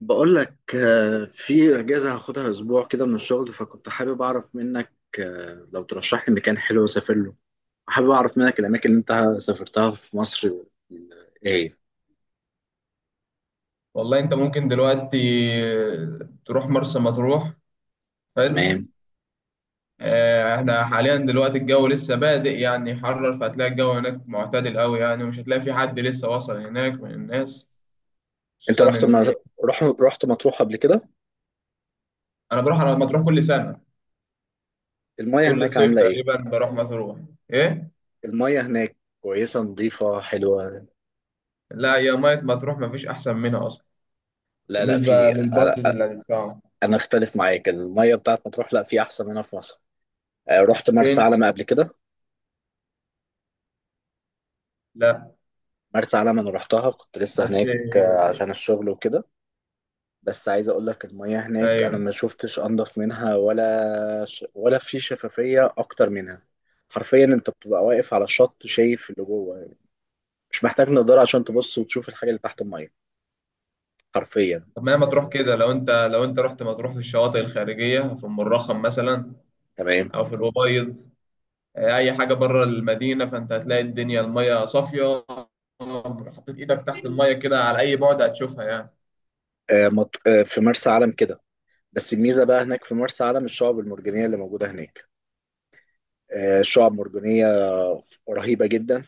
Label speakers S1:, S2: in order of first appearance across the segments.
S1: بقول لك في اجازه هاخدها اسبوع كده من الشغل فكنت حابب اعرف منك. لو ترشح لي مكان حلو اسافر له. حابب اعرف منك الاماكن اللي انت سافرتها في مصر و- ايه.
S2: والله انت ممكن دلوقتي تروح مرسى مطروح. حلو.
S1: تمام.
S2: احنا حاليا دلوقتي الجو لسه بادئ يعني يحرر، فهتلاقي الجو هناك معتدل قوي يعني، ومش هتلاقي في حد لسه وصل هناك من الناس،
S1: انت
S2: خصوصا
S1: رحت ما...
S2: ان
S1: رحت مطروح قبل كده؟
S2: انا بروح على مطروح كل سنة،
S1: المايه
S2: كل
S1: هناك
S2: صيف
S1: عامله ايه؟
S2: تقريبا بروح مطروح. ايه.
S1: المايه هناك كويسه نظيفه حلوه.
S2: لا، يا مية مطروح مفيش احسن منها اصلا.
S1: لا، لا،
S2: بالنسبة
S1: في
S2: للبادجت
S1: انا.
S2: اللي هتدفعه.
S1: أنا اختلف معاك، المايه بتاعت مطروح لا، في احسن منها في مصر. رحت مرسى
S2: فين؟
S1: علم قبل كده.
S2: لا.
S1: مرسى علم انا رحتها، كنت لسه
S2: بس
S1: هناك عشان الشغل وكده. بس عايز اقول لك المياه هناك انا
S2: ايوه.
S1: ما شفتش انضف منها، ولا ش... ولا في شفافية اكتر منها. حرفيا انت بتبقى واقف على الشط شايف اللي جوه. مش محتاج نظارة عشان تبص وتشوف الحاجة اللي تحت المية، حرفيا.
S2: طب ما هي مطروح
S1: آه،
S2: كده، لو انت لو انت رحت مطروح في الشواطئ الخارجية، في ام الرخم مثلا
S1: تمام.
S2: او في الأبيض. اي حاجه بره المدينه فانت هتلاقي الدنيا الميه صافيه. حطيت ايدك تحت الميه كده على اي بعد هتشوفها يعني.
S1: في مرسى علم كده. بس الميزة بقى هناك في مرسى علم الشعب المرجانية اللي موجودة هناك. الشعب مرجانية رهيبة جدا.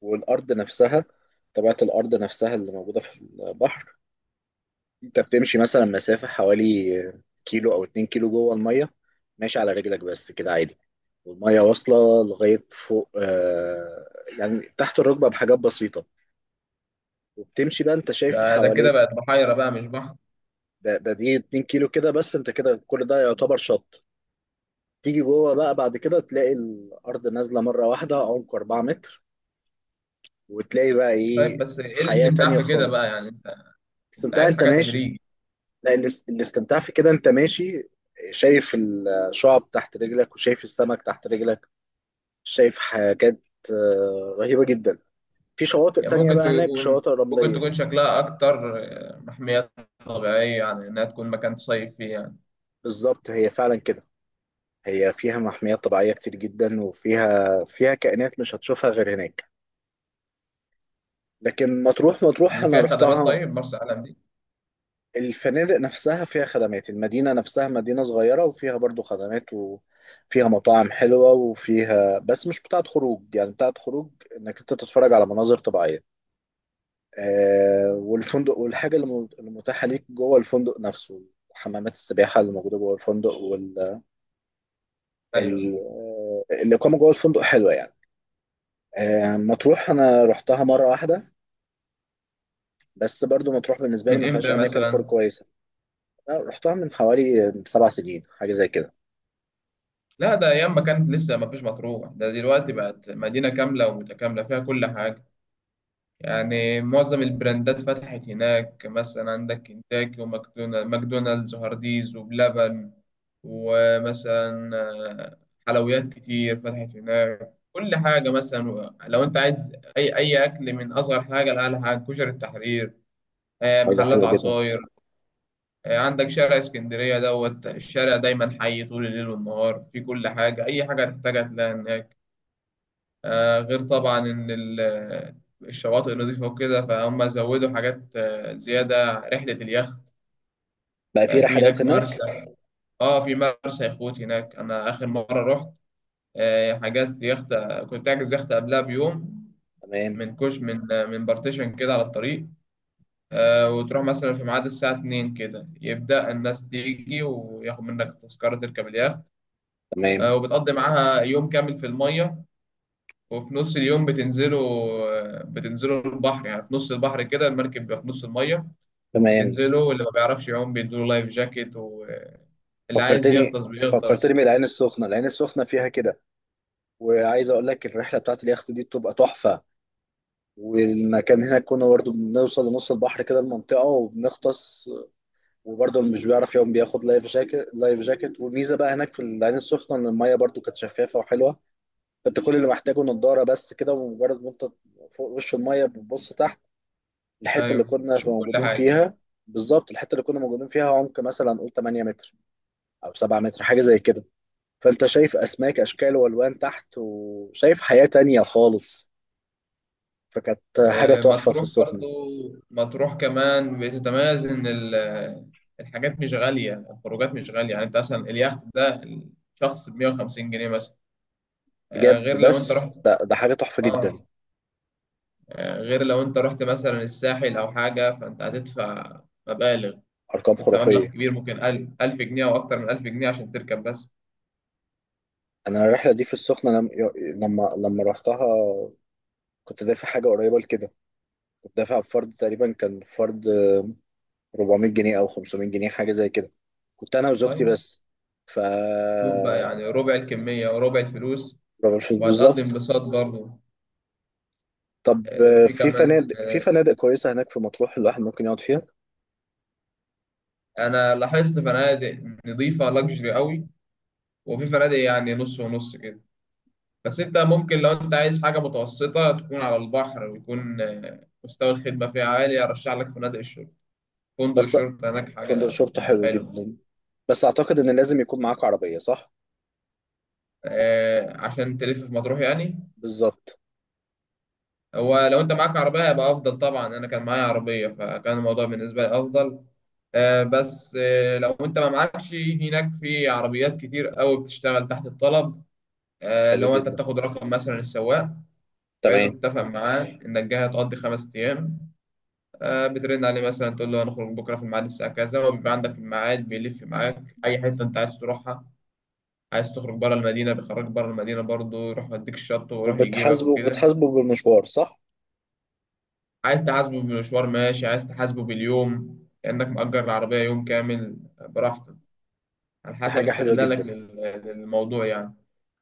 S1: والأرض نفسها، طبيعة الأرض نفسها اللي موجودة في البحر، انت بتمشي مثلا مسافة حوالي كيلو او 2 كيلو جوه المية، ماشي على رجلك بس كده عادي. والمية واصلة لغاية فوق يعني تحت الركبة بحاجات بسيطة. وبتمشي بقى انت شايف
S2: ده كده
S1: حواليك.
S2: بقت بحيره بقى مش بحر.
S1: ده دي اتنين كيلو كده بس، انت كده كل ده يعتبر شط. تيجي جوه بقى بعد كده تلاقي الأرض نازلة مرة واحدة عمق 4 متر، وتلاقي بقى
S2: طيب
S1: ايه
S2: بس ايه
S1: حياة
S2: الاستمتاع
S1: تانية
S2: في كده بقى،
S1: خالص.
S2: يعني انت
S1: بس
S2: انت
S1: انت
S2: عايز
S1: انت
S2: حاجه
S1: ماشي.
S2: تدريجي.
S1: لا، الاستمتاع في كده، انت ماشي شايف الشعب تحت رجلك وشايف السمك تحت رجلك، شايف حاجات رهيبة جدا. في شواطئ
S2: يعني
S1: تانية
S2: ممكن
S1: بقى هناك
S2: تكون
S1: شواطئ
S2: ممكن
S1: رملية.
S2: تكون شكلها اكتر، محميات طبيعيه يعني، انها تكون مكان تصيف فيه يعني.
S1: بالظبط، هي فعلا كده. هي فيها محميات طبيعية كتير جدا، وفيها كائنات مش هتشوفها غير هناك. لكن مطروح
S2: دي
S1: انا
S2: فيها خدمات؟
S1: رحتها.
S2: طيب مرسى علم دي.
S1: الفنادق نفسها فيها خدمات، المدينة نفسها مدينة صغيرة وفيها برضو خدمات وفيها مطاعم حلوة، وفيها بس مش بتاعة خروج، يعني بتاعة خروج انك انت تتفرج على مناظر طبيعية. آه، والفندق والحاجة اللي متاحة ليك جوه الفندق نفسه، حمامات السباحة اللي موجودة جوه الفندق وال ال-
S2: ايوه.
S1: آه، الإقامة جوه الفندق حلوة يعني. آه، مطروح أنا رحتها مرة واحدة، بس برضو مطروح بالنسبة لي
S2: من
S1: ما فيهاش
S2: امتى
S1: أماكن خروج
S2: مثلا؟
S1: كويسة. أنا رحتها من حوالي 7 سنين، حاجة زي كده.
S2: لا، ده ايام ما كانت لسه ما فيش مطروح، ده دلوقتي بقت مدينه كامله ومتكامله فيها كل حاجه. يعني معظم البراندات فتحت هناك، مثلا عندك كنتاكي وماكدونالدز وهارديز وبلبن، ومثلا حلويات كتير فتحت هناك. كل حاجة مثلا، لو أنت عايز أي أكل من أصغر حاجة لأعلى حاجة، كشري التحرير،
S1: حاجة
S2: محلات
S1: حلوة جدا.
S2: عصاير. عندك شارع اسكندرية دوت، الشارع دايما حي طول الليل والنهار، في كل حاجة، أي حاجة هتحتاجها تلاقيها هناك. غير طبعا ان الشواطئ نظيفه وكده، فهم زودوا حاجات، زياده رحله اليخت.
S1: بقى في
S2: بقى في هناك
S1: رحلات هناك.
S2: مرسى. اه في مرسى يخوت هناك. انا اخر مره رحت، حجزت يخت، كنت حاجز يخت قبلها بيوم،
S1: تمام.
S2: من كوش، من بارتيشن كده على الطريق. وتروح مثلا في ميعاد الساعه 2 كده، يبدا الناس تيجي وياخد منك تذكره تركب اليخت.
S1: تمام.
S2: وبتقضي معاها يوم كامل في الميه، وفي نص اليوم بتنزلوا البحر، يعني في نص البحر كده المركب بيبقى في نص المية.
S1: تمام.
S2: بتنزلوا، واللي ما بيعرفش يعوم بيدوا له لايف جاكيت، واللي عايز
S1: فكرتني،
S2: يغطس
S1: فكرتني
S2: بيغطس.
S1: بالعين السخنة، العين السخنة فيها كده. وعايز اقول لك الرحلة بتاعت اليخت دي بتبقى تحفة. والمكان هناك كنا برضه بنوصل لنص البحر كده المنطقة وبنغطس. وبرضه اللي مش بيعرف يوم بياخد لايف جاكيت، لايف جاكيت. والميزة بقى هناك في العين السخنة ان المية برضه كانت شفافة وحلوة. فانت كل اللي محتاجه نضارة بس كده، ومجرد ما انت فوق وش المية بتبص تحت الحتة اللي
S2: ايوه،
S1: كنا
S2: تشوف كل
S1: موجودين
S2: حاجة.
S1: فيها. بالظبط، الحتة اللي كنا موجودين فيها عمق مثلا قول 8 متر او 7 متر، حاجه زي كده. فانت شايف اسماك اشكال والوان تحت، وشايف حياه تانية خالص. فكانت حاجه تحفه في
S2: مطروح
S1: السخنه.
S2: برضو، مطروح كمان بتتميز إن الحاجات مش غالية، الخروجات مش غالية. يعني أنت مثلا اليخت ده الشخص ب 150 جنيه مثلا.
S1: بجد،
S2: غير لو أنت
S1: بس
S2: رحت،
S1: ده حاجه تحفه جدا.
S2: آه غير لو أنت رحت مثلا الساحل أو حاجة، فأنت هتدفع مبالغ،
S1: ارقام
S2: تدفع مبلغ
S1: خرافيه.
S2: كبير، ممكن 1000 1000 جنيه او اكتر من 1000 جنيه عشان تركب بس.
S1: انا الرحله دي في السخنه لم... لما رحتها كنت دافع حاجه قريبه لكده. كنت دافع فرد، تقريبا كان فرد 400 جنيه او 500 جنيه، حاجه زي كده. كنت انا وزوجتي
S2: طيب
S1: بس، ف
S2: شوف بقى، يعني ربع الكميه وربع الفلوس، وهتقضي
S1: بالظبط.
S2: انبساط برضه.
S1: طب
S2: آه، في
S1: في
S2: كمان
S1: فنادق في
S2: آه،
S1: فنادق كويسه هناك في مطروح الواحد ممكن يقعد فيها.
S2: انا لاحظت فنادق نظيفه لاكجري قوي، وفي فنادق يعني نص ونص كده. بس انت ممكن لو انت عايز حاجه متوسطه تكون على البحر، ويكون مستوى الخدمه فيها عالي، ارشح لك فنادق الشرطه. فندق
S1: بس
S2: الشرطه هناك
S1: فندق
S2: حاجه
S1: شرطة حلو
S2: حلوه.
S1: جدا، بس اعتقد ان لازم يكون معاك عربية، صح؟
S2: عشان تلف في مطروح يعني.
S1: بالظبط.
S2: هو لو انت معاك عربية هيبقى افضل طبعا، انا كان معايا عربية فكان الموضوع بالنسبة لي افضل. آه، بس آه، لو انت ما معكش، هناك في عربيات كتير قوي بتشتغل تحت الطلب.
S1: حلو
S2: لو انت
S1: جدا.
S2: بتاخد رقم مثلا السواق، حلو،
S1: تمام.
S2: بتتفق معاه انك جاي هتقضي 5 ايام، بترن عليه مثلا تقول له هنخرج بكره في الميعاد الساعه كذا، وبيبقى عندك في الميعاد، بيلف معاك اي حته انت عايز تروحها. عايز تخرج بره المدينه بيخرجك بره المدينه، برضه يروح يوديك الشط ويروح يجيبك
S1: وبتحاسبه
S2: وكده.
S1: بتحاسبه بالمشوار، صح؟
S2: عايز تحاسبه بالمشوار ماشي، عايز تحاسبه باليوم كأنك مأجر العربية يوم كامل براحتك، على
S1: دي
S2: حسب
S1: حاجة حلوة
S2: استغلالك
S1: جدا.
S2: للموضوع يعني.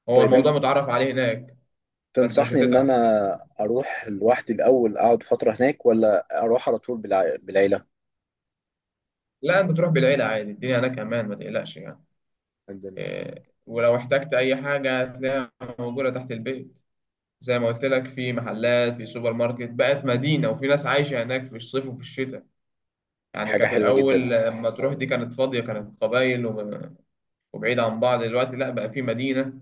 S2: هو
S1: طيب، انت
S2: الموضوع متعرف عليه هناك، فأنت مش
S1: تنصحني ان
S2: هتتعب
S1: انا اروح لوحدي الاول اقعد فترة هناك، ولا اروح على طول بالعيلة؟
S2: لا، أنت تروح بالعيلة عادي، الدنيا هناك أمان ما تقلقش يعني.
S1: الدنيا يعني.
S2: إيه، ولو احتجت أي حاجة هتلاقيها موجودة تحت البيت، زي ما قلت لك في محلات، في سوبر ماركت، بقت مدينة، وفي ناس عايشة هناك في الصيف وفي الشتاء.
S1: دي
S2: يعني
S1: حاجة
S2: كانت
S1: حلوة جدا.
S2: الأول لما تروح
S1: اه.
S2: دي كانت فاضية، كانت قبايل وبعيدة عن بعض، دلوقتي لا بقى في مدينة،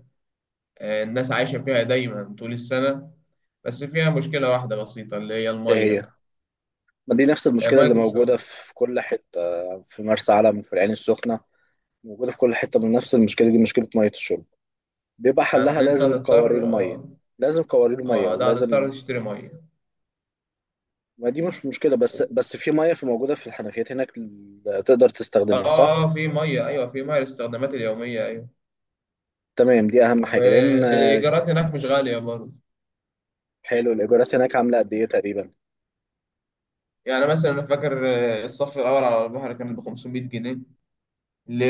S2: الناس عايشة فيها دايما طول السنة. بس فيها مشكلة واحدة بسيطة اللي هي
S1: ايه
S2: المية،
S1: هي؟ ما دي نفس المشكلة
S2: مية
S1: اللي موجودة
S2: الشرب.
S1: في كل حتة، في مرسى علم وفي العين السخنة، موجودة في كل حتة من نفس المشكلة دي مشكلة مية الشرب. بيبقى حلها
S2: يعني أنت
S1: لازم
S2: هتضطر
S1: قوارير ميه، لازم قوارير ميه،
S2: ده هتضطر
S1: لازم.
S2: تشتري مية.
S1: ما دي مش مشكله، بس بس في ميه في موجوده في الحنفيات هناك، تقدر تستخدمها صح؟
S2: في مية، أيوة، في مية للاستخدامات اليومية، أيوة.
S1: تمام، دي اهم حاجه لان...
S2: والإيجارات هناك مش غالية برضه.
S1: حلو، الايجارات هناك عامله قد ايه تقريبا؟
S2: يعني مثلا أنا فاكر الصف الأول على البحر كان ب 500 جنيه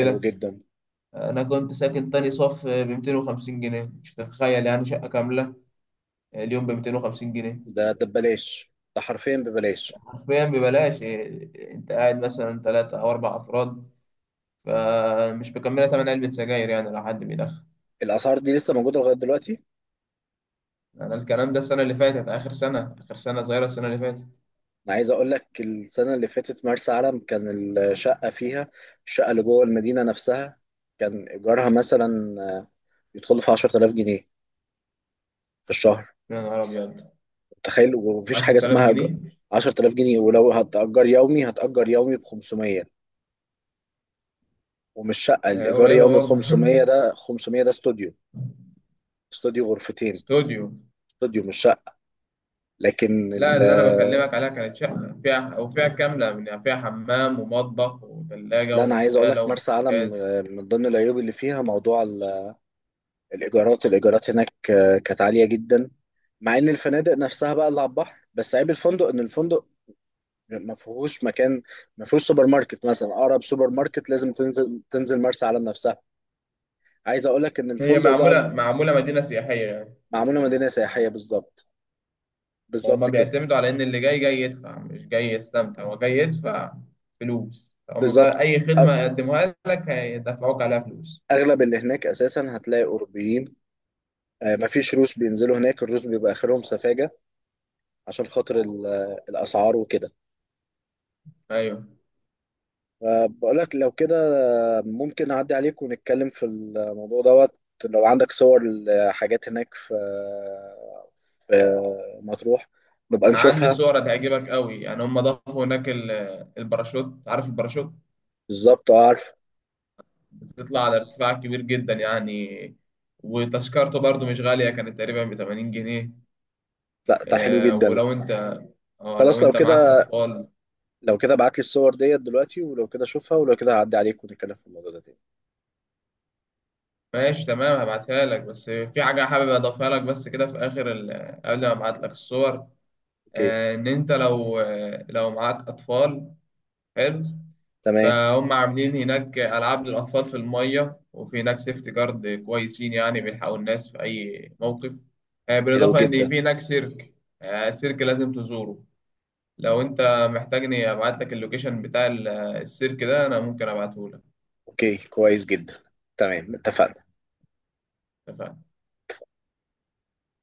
S1: حلو جدا.
S2: أنا كنت ساكن تاني صف ب 250 جنيه، مش تتخيل يعني، شقة كاملة اليوم ب 250 جنيه.
S1: ده ببلاش، ده حرفيا ببلاش.
S2: حرفيا ببلاش. إيه، انت قاعد مثلا ثلاثة او اربع افراد، فمش مكمله تمن علبة سجاير يعني لو حد بيدخن.
S1: الاسعار دي لسه موجوده لغايه دلوقتي؟
S2: انا الكلام ده السنة اللي فاتت، اخر سنة، اخر سنة صغيرة، السنة اللي فاتت.
S1: انا عايز اقول لك السنه اللي فاتت مرسى علم كان الشقه فيها، الشقه اللي جوه المدينه نفسها، كان ايجارها مثلا يدخل في 10,000 جنيه في الشهر.
S2: يا نهار ابيض!
S1: تخيل، ومفيش حاجة
S2: 10000
S1: اسمها ج-
S2: جنيه
S1: 10,000 جنيه. ولو هتأجر يومي هتأجر يومي ب 500، ومش شقة،
S2: هي
S1: الإيجار
S2: قريبة
S1: يومي
S2: برضه
S1: 500، ده 500 ده استوديو. استوديو غرفتين،
S2: استوديو.
S1: استوديو مش شقة. لكن
S2: لا، اللي انا بكلمك عليها كانت شقة فيها او فيها كاملة، من فيها حمام ومطبخ وثلاجة
S1: لا، أنا عايز أقول لك
S2: وغسالة
S1: مرسى علم
S2: وجاز.
S1: من ضمن العيوب اللي فيها موضوع الإيجارات، الإيجارات هناك كانت عالية جدا. مع إن الفنادق نفسها بقى اللي على البحر، بس عيب الفندق إن الفندق ما فيهوش مكان، ما فيهوش سوبر ماركت مثلا، أقرب سوبر ماركت لازم تنزل مرسى علم نفسها. عايز اقول لك ان
S2: هي
S1: الفندق بقى
S2: معمولة، معمولة مدينة سياحية يعني.
S1: معموله مدينه سياحيه، بالظبط.
S2: فهم
S1: بالظبط كده.
S2: بيعتمدوا على إن اللي جاي جاي يدفع، مش جاي يستمتع، هو جاي يدفع فلوس، فهم
S1: بالظبط.
S2: بقى أي
S1: أ-
S2: خدمة يقدموها لك هيدفعوك عليها فلوس.
S1: اغلب اللي هناك اساسا هتلاقي اوروبيين. مفيش روس بينزلوا هناك، الروس بيبقى اخرهم سفاجه عشان خاطر الاسعار وكده.
S2: أيوه.
S1: فبقول لك لو كده، ممكن اعدي عليك ونتكلم في الموضوع دوت. لو عندك صور لحاجات هناك في مطروح نبقى
S2: عندي
S1: نشوفها.
S2: صورة تعجبك قوي، يعني هم ضافوا هناك الباراشوت، عارف الباراشوت،
S1: بالظبط، أه، عارف.
S2: بتطلع على ارتفاع كبير جدا يعني. وتذكرته برضو مش غالية، كانت تقريبا ب 80 جنيه.
S1: لا، ده حلو جدا.
S2: ولو انت، اه لو
S1: خلاص، لو
S2: انت معاك
S1: كده،
S2: اطفال.
S1: لو كده ابعت لي الصور ديت دلوقتي، ولو كده اشوفها، ولو كده هعدي عليك ونتكلم في الموضوع ده تاني.
S2: ماشي، تمام، هبعتها لك، بس في حاجة حابب اضيفها لك بس كده في اخر ال... قبل ما ابعت لك الصور،
S1: اوكي.
S2: ان انت لو، لو معاك اطفال، حلو،
S1: تمام.
S2: فهم عاملين هناك العاب للاطفال في الميه، وفي هناك سيفتي جارد كويسين يعني بيلحقوا الناس في اي موقف.
S1: حلو
S2: بالاضافه ان
S1: جدا.
S2: في هناك سيرك، سيرك لازم تزوره. لو انت محتاجني ابعت لك اللوكيشن بتاع السيرك ده انا ممكن ابعته لك.
S1: اوكي، كويس جدا. تمام، اتفقنا.
S2: اتفقنا.